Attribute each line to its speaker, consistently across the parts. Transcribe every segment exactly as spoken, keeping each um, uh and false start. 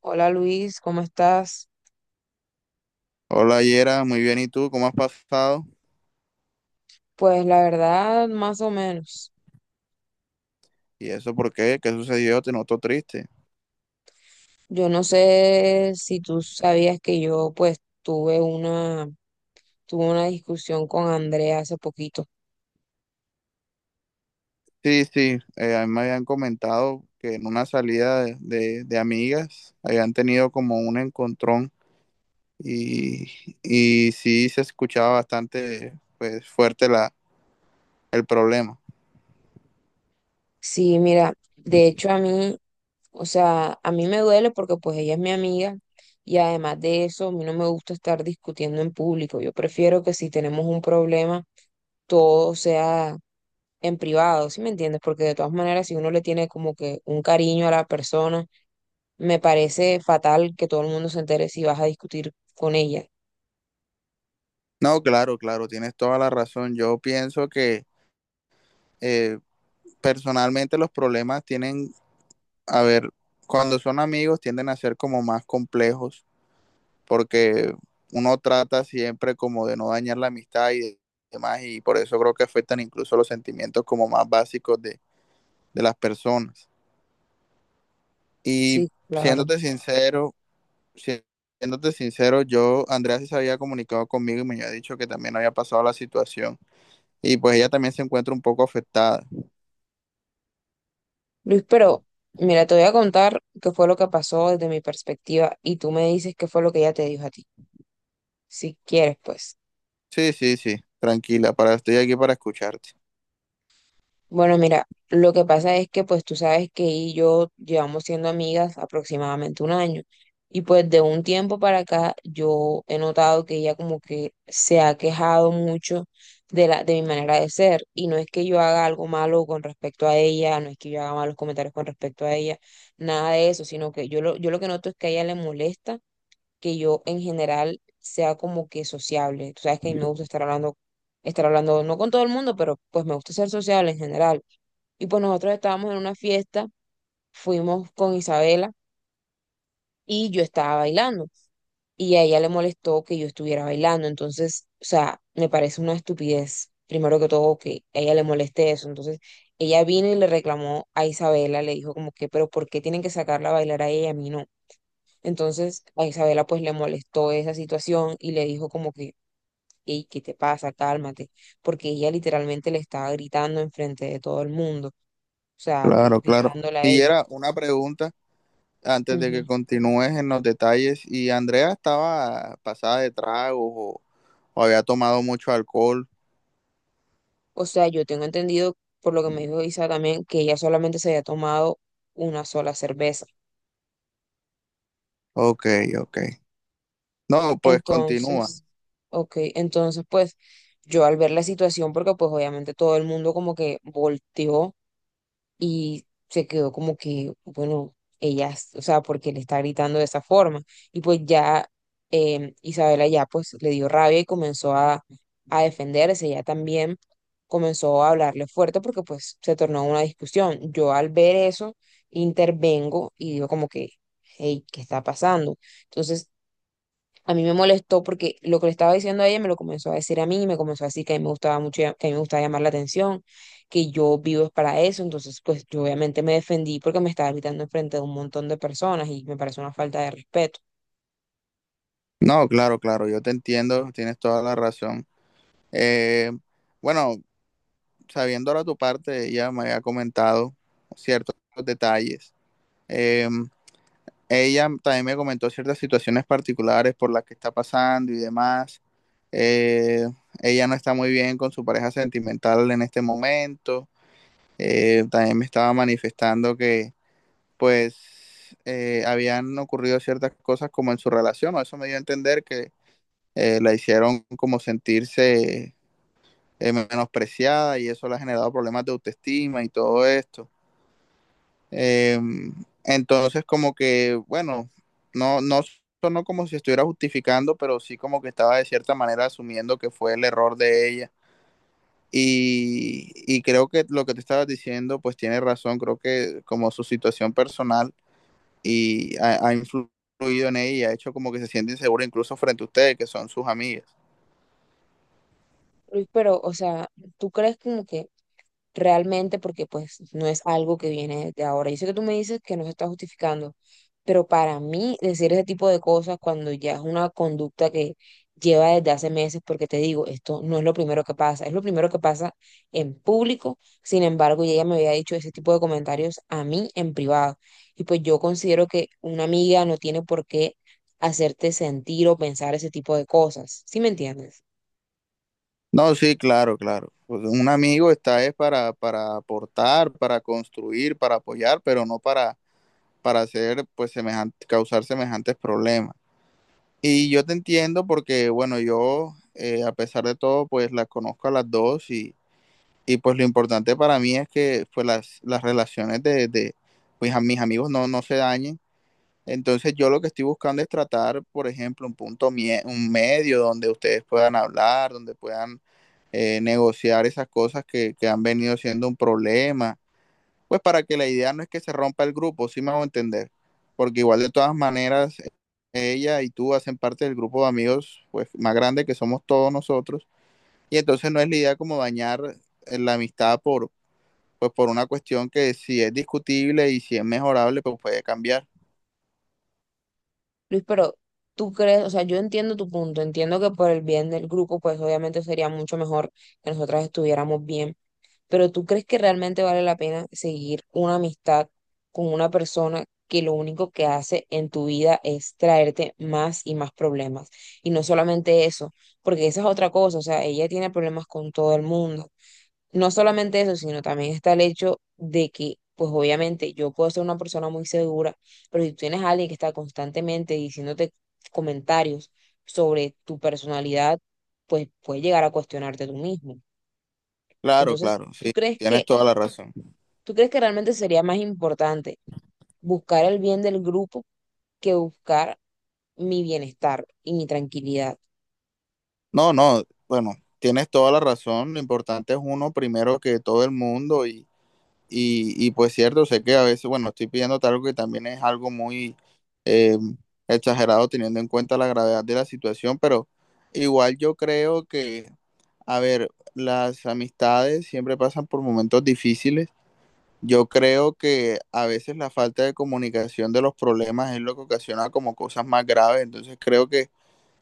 Speaker 1: Hola Luis, ¿cómo estás?
Speaker 2: Hola Yera, muy bien, ¿y tú? ¿Cómo has pasado?
Speaker 1: Pues la verdad, más o menos.
Speaker 2: ¿Y eso por qué? ¿Qué sucedió? Te noto triste.
Speaker 1: Yo no sé si tú sabías que yo pues tuve una, tuve una discusión con Andrea hace poquito.
Speaker 2: Sí, sí, eh, a mí me habían comentado que en una salida de, de- de amigas habían tenido como un encontrón y, y sí se escuchaba bastante pues, fuerte la, el problema.
Speaker 1: Sí, mira, de hecho a mí, o sea, a mí me duele porque pues ella es mi amiga y además de eso, a mí no me gusta estar discutiendo en público. Yo prefiero que si tenemos un problema, todo sea en privado, ¿sí me entiendes? Porque de todas maneras, si uno le tiene como que un cariño a la persona, me parece fatal que todo el mundo se entere si vas a discutir con ella.
Speaker 2: No, claro, claro, tienes toda la razón. Yo pienso que eh, personalmente los problemas tienen, a ver, cuando son amigos tienden a ser como más complejos porque uno trata siempre como de no dañar la amistad y demás, y por eso creo que afectan incluso los sentimientos como más básicos de, de las personas. Y
Speaker 1: Sí, claro.
Speaker 2: siéndote sincero, si, siéndote sincero, yo, Andrea sí se había comunicado conmigo y me había dicho que también había pasado la situación. Y pues ella también se encuentra un poco afectada.
Speaker 1: Luis, pero mira, te voy a contar qué fue lo que pasó desde mi perspectiva y tú me dices qué fue lo que ella te dijo a ti, si quieres, pues.
Speaker 2: Sí, sí, sí, tranquila, para, estoy aquí para escucharte.
Speaker 1: Bueno, mira, lo que pasa es que pues tú sabes que ella y yo llevamos siendo amigas aproximadamente un año y pues de un tiempo para acá yo he notado que ella como que se ha quejado mucho de la de mi manera de ser y no es que yo haga algo malo con respecto a ella, no es que yo haga malos comentarios con respecto a ella, nada de eso, sino que yo lo yo lo que noto es que a ella le molesta que yo en general sea como que sociable. Tú sabes que a mí me gusta estar hablando, estar hablando no con todo el mundo, pero pues me gusta ser sociable en general. Y pues nosotros estábamos en una fiesta, fuimos con Isabela y yo estaba bailando. Y a ella le molestó que yo estuviera bailando. Entonces, o sea, me parece una estupidez, primero que todo, que a ella le moleste eso. Entonces, ella vino y le reclamó a Isabela, le dijo como que, pero ¿por qué tienen que sacarla a bailar a ella, y a mí no? Entonces a Isabela pues le molestó esa situación y le dijo como que, hey, ¿qué te pasa? Cálmate, porque ella literalmente le estaba gritando enfrente de todo el mundo, o sea,
Speaker 2: Claro, claro.
Speaker 1: gritándole a
Speaker 2: Y
Speaker 1: ella.
Speaker 2: era una pregunta. Antes de
Speaker 1: Ujú.
Speaker 2: que continúes en los detalles, ¿y Andrea estaba pasada de tragos o, o había tomado mucho alcohol?
Speaker 1: O sea, yo tengo entendido, por lo que me dijo Isa también, que ella solamente se había tomado una sola cerveza.
Speaker 2: Ok, ok. No, pues continúa.
Speaker 1: Entonces, ok, entonces pues yo al ver la situación, porque pues obviamente todo el mundo como que volteó y se quedó como que, bueno, ella, es- o sea, porque le está gritando de esa forma. Y pues ya eh, Isabela ya pues le dio rabia y comenzó a, a defenderse, ella también comenzó a hablarle fuerte porque pues se tornó una discusión. Yo al ver eso intervengo y digo como que, hey, ¿qué está pasando? Entonces a mí me molestó porque lo que le estaba diciendo a ella me lo comenzó a decir a mí, me comenzó a decir que a mí me gustaba mucho, ya- que a mí me gustaba llamar la atención, que yo vivo es para eso, entonces pues yo obviamente me defendí porque me estaba gritando enfrente de un montón de personas y me parece una falta de respeto.
Speaker 2: No, claro, claro, yo te entiendo, tienes toda la razón. Eh, bueno, sabiendo ahora tu parte, ella me había comentado ciertos detalles. Eh, ella también me comentó ciertas situaciones particulares por las que está pasando y demás. Eh, ella no está muy bien con su pareja sentimental en este momento. eh, también me estaba manifestando que pues eh, habían ocurrido ciertas cosas como en su relación, o eso me dio a entender que eh, la hicieron como sentirse eh, menospreciada y eso le ha generado problemas de autoestima y todo esto. Eh, entonces como que, bueno, no, no sonó como si estuviera justificando, pero sí como que estaba de cierta manera asumiendo que fue el error de ella. Y, y creo que lo que te estabas diciendo, pues tiene razón, creo que como su situación personal y ha, ha influido en ella y ha hecho como que se siente insegura incluso frente a ustedes, que son sus amigas.
Speaker 1: Luis, pero, o sea, ¿tú crees como que realmente? Porque pues no es algo que viene de ahora. Yo sé que tú me dices que no se está justificando, pero para mí decir ese tipo de cosas cuando ya es una conducta que lleva desde hace meses, porque te digo, esto no es lo primero que pasa, es lo primero que pasa en público, sin embargo, y ella me había dicho ese tipo de comentarios a mí en privado. Y pues yo considero que una amiga no tiene por qué hacerte sentir o pensar ese tipo de cosas, ¿sí me entiendes?
Speaker 2: No, sí, claro, claro. Pues un amigo está es para, para aportar, para construir, para apoyar, pero no para, para hacer, pues, semejante, causar semejantes problemas. Y yo te entiendo porque, bueno, yo, eh, a pesar de todo, pues las conozco a las dos y, y pues lo importante para mí es que pues, las, las relaciones de, de pues, a mis amigos no, no se dañen. Entonces yo lo que estoy buscando es tratar, por ejemplo, un punto, mie- un medio donde ustedes puedan hablar, donde puedan eh, negociar esas cosas que, que han venido siendo un problema, pues para que la idea no es que se rompa el grupo, sí me hago entender, porque igual de todas maneras ella y tú hacen parte del grupo de amigos pues más grande que somos todos nosotros y entonces no es la idea como dañar eh, la amistad por, pues por una cuestión que si es discutible y si es mejorable, pues puede cambiar.
Speaker 1: Luis, pero tú crees, o sea, yo entiendo tu punto, entiendo que por el bien del grupo, pues obviamente sería mucho mejor que nosotras estuviéramos bien, pero ¿tú crees que realmente vale la pena seguir una amistad con una persona que lo único que hace en tu vida es traerte más y más problemas? Y no solamente eso, porque esa es otra cosa, o sea, ella tiene problemas con todo el mundo. No solamente eso, sino también está el hecho de que, pues obviamente yo puedo ser una persona muy segura, pero si tú tienes a alguien que está constantemente diciéndote comentarios sobre tu personalidad, pues puede llegar a cuestionarte tú mismo.
Speaker 2: Claro,
Speaker 1: Entonces,
Speaker 2: claro,
Speaker 1: ¿tú
Speaker 2: sí,
Speaker 1: crees
Speaker 2: tienes
Speaker 1: que,
Speaker 2: toda la razón.
Speaker 1: ¿tú crees que realmente sería más importante buscar el bien del grupo que buscar mi bienestar y mi tranquilidad?
Speaker 2: No, no, bueno, tienes toda la razón. Lo importante es uno primero que todo el mundo y, y, y pues cierto, sé que a veces, bueno, estoy pidiendo algo que también es algo muy eh, exagerado teniendo en cuenta la gravedad de la situación, pero igual yo creo que, a ver, las amistades siempre pasan por momentos difíciles. Yo creo que a veces la falta de comunicación de los problemas es lo que ocasiona como cosas más graves. Entonces creo que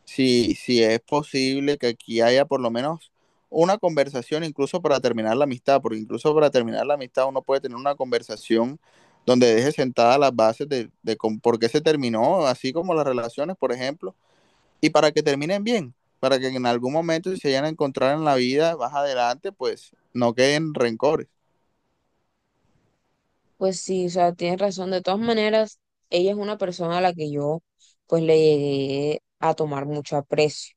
Speaker 2: si, si es posible que aquí haya por lo menos una conversación, incluso para terminar la amistad, porque incluso para terminar la amistad uno puede tener una conversación donde deje sentadas las bases de, de con- por qué se terminó, así como las relaciones, por ejemplo, y para que terminen bien, para que en algún momento si se vayan a encontrar en la vida más adelante, pues no queden rencores.
Speaker 1: Pues sí, o sea, tienes razón. De todas maneras, ella es una persona a la que yo pues le llegué a tomar mucho aprecio,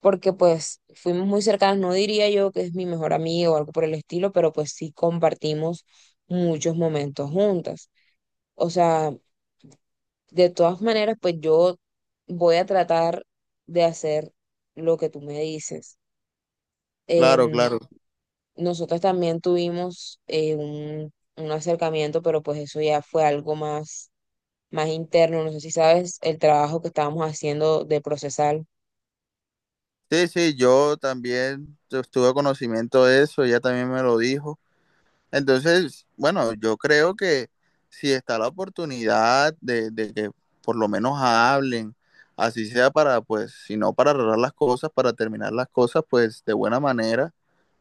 Speaker 1: porque pues fuimos muy cercanas, no diría yo que es mi mejor amiga o algo por el estilo, pero pues sí compartimos muchos momentos juntas. O sea, de todas maneras, pues yo voy a tratar de hacer lo que tú me dices.
Speaker 2: Claro,
Speaker 1: Em,
Speaker 2: claro.
Speaker 1: Nosotros también tuvimos eh, un, un acercamiento, pero pues eso ya fue algo más más interno. No sé si sabes el trabajo que estábamos haciendo de procesal.
Speaker 2: Sí, sí, yo también tu- tuve conocimiento de eso, ella también me lo dijo. Entonces, bueno, yo creo que si está la oportunidad de, de que por lo menos hablen, así sea para, pues, si no para arreglar las cosas, para terminar las cosas, pues de buena manera,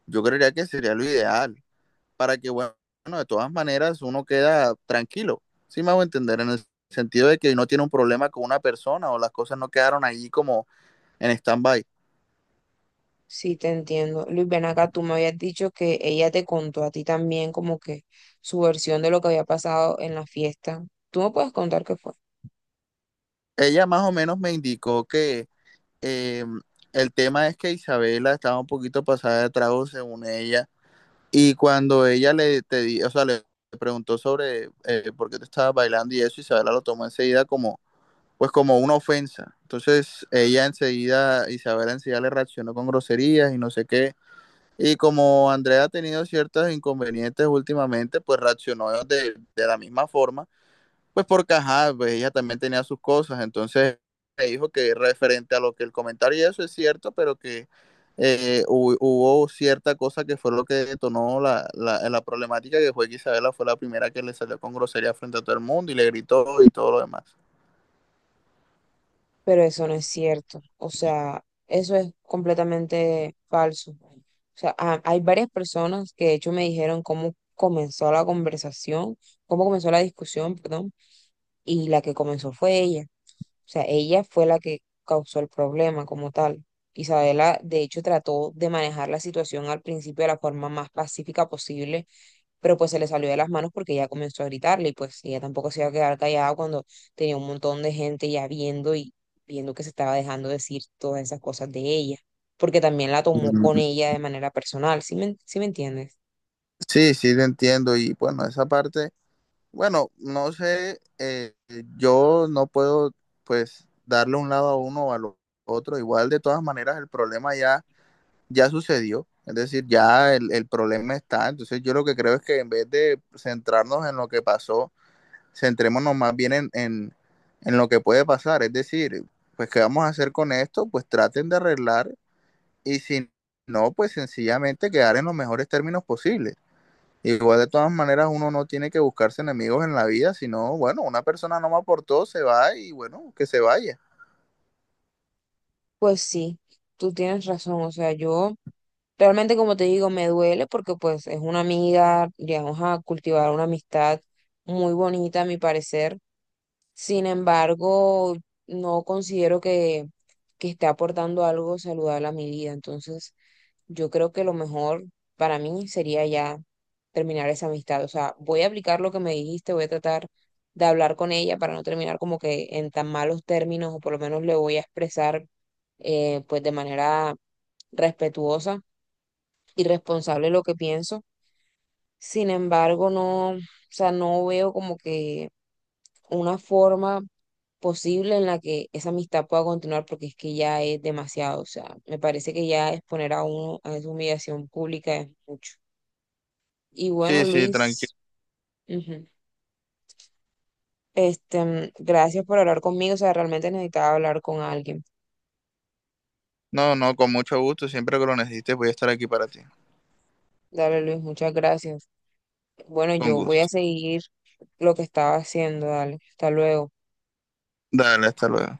Speaker 2: yo creería que sería lo ideal, para que, bueno, de todas maneras uno queda tranquilo. Sí, me hago entender, en el sentido de que no tiene un problema con una persona o las cosas no quedaron ahí como en stand-by.
Speaker 1: Sí, te entiendo. Luis, ven acá, tú me habías dicho que ella te contó a ti también como que su versión de lo que había pasado en la fiesta. Tú me puedes contar qué fue.
Speaker 2: Ella más o menos me indicó que eh, el tema es que Isabela estaba un poquito pasada de trago según ella. Y cuando ella le, te di- o sea, le preguntó sobre eh, por qué te estabas bailando y eso, Isabela lo tomó enseguida como, pues como una ofensa. Entonces ella enseguida, Isabela enseguida le reaccionó con groserías y no sé qué. Y como Andrea ha tenido ciertos inconvenientes últimamente, pues reaccionó de, de la misma forma. Pues porque, ajá, pues ella también tenía sus cosas, entonces me dijo que referente a lo que el comentario y eso es cierto, pero que eh, hu- hubo cierta cosa que fue lo que detonó la, la, la problemática, que fue que Isabela fue la primera que le salió con grosería frente a todo el mundo y le gritó y todo lo demás.
Speaker 1: Pero eso no es cierto. O sea, eso es completamente falso. O sea, ha- hay varias personas que de hecho me dijeron cómo comenzó la conversación, cómo comenzó la discusión, perdón, y la que comenzó fue ella. O sea, ella fue la que causó el problema como tal. Isabela, de hecho, trató de manejar la situación al principio de la forma más pacífica posible, pero pues se le salió de las manos porque ella comenzó a gritarle y pues ella tampoco se iba a quedar callada cuando tenía un montón de gente ya viendo y viendo que se estaba dejando decir todas esas cosas de ella, porque también la tomó con
Speaker 2: Mm.
Speaker 1: ella de manera personal, ¿sí me, ¿sí me entiendes?
Speaker 2: Sí, sí, te entiendo. Y bueno, esa parte, bueno, no sé, eh, yo no puedo pues darle un lado a uno o al otro. Igual de todas maneras el problema ya ya sucedió, es decir, ya el, el problema está. Entonces yo lo que creo es que en vez de centrarnos en lo que pasó, centrémonos más bien en, en, en lo que puede pasar. Es decir, pues qué vamos a hacer con esto, pues traten de arreglar y si no, pues sencillamente quedar en los mejores términos posibles. Igual de todas maneras uno no tiene que buscarse enemigos en la vida, sino, bueno, una persona no me aportó, se va y bueno, que se vaya.
Speaker 1: Pues sí, tú tienes razón, o sea, yo... Realmente, como te digo, me duele porque pues es una amiga, llegamos a cultivar una amistad muy bonita, a mi parecer. Sin embargo, no considero que, que esté aportando algo saludable a mi vida. Entonces, yo creo que lo mejor para mí sería ya terminar esa amistad. O sea, voy a aplicar lo que me dijiste, voy a tratar de hablar con ella para no terminar como que en tan malos términos, o por lo menos le voy a expresar eh, pues de manera respetuosa irresponsable lo que pienso. Sin embargo, no, o sea, no veo como que una forma posible en la que esa amistad pueda continuar porque es que ya es demasiado, o sea, me parece que ya exponer a uno a esa humillación pública es mucho. Y bueno,
Speaker 2: Sí, sí, tranquilo.
Speaker 1: Luis, ujú, Este, mm, gracias por hablar conmigo, o sea, realmente necesitaba hablar con alguien.
Speaker 2: No, no, con mucho gusto, siempre que lo necesites voy a estar aquí para ti.
Speaker 1: Dale, Luis, muchas gracias. Bueno,
Speaker 2: Con
Speaker 1: yo voy
Speaker 2: gusto.
Speaker 1: a seguir lo que estaba haciendo, dale, hasta luego.
Speaker 2: Dale, hasta luego.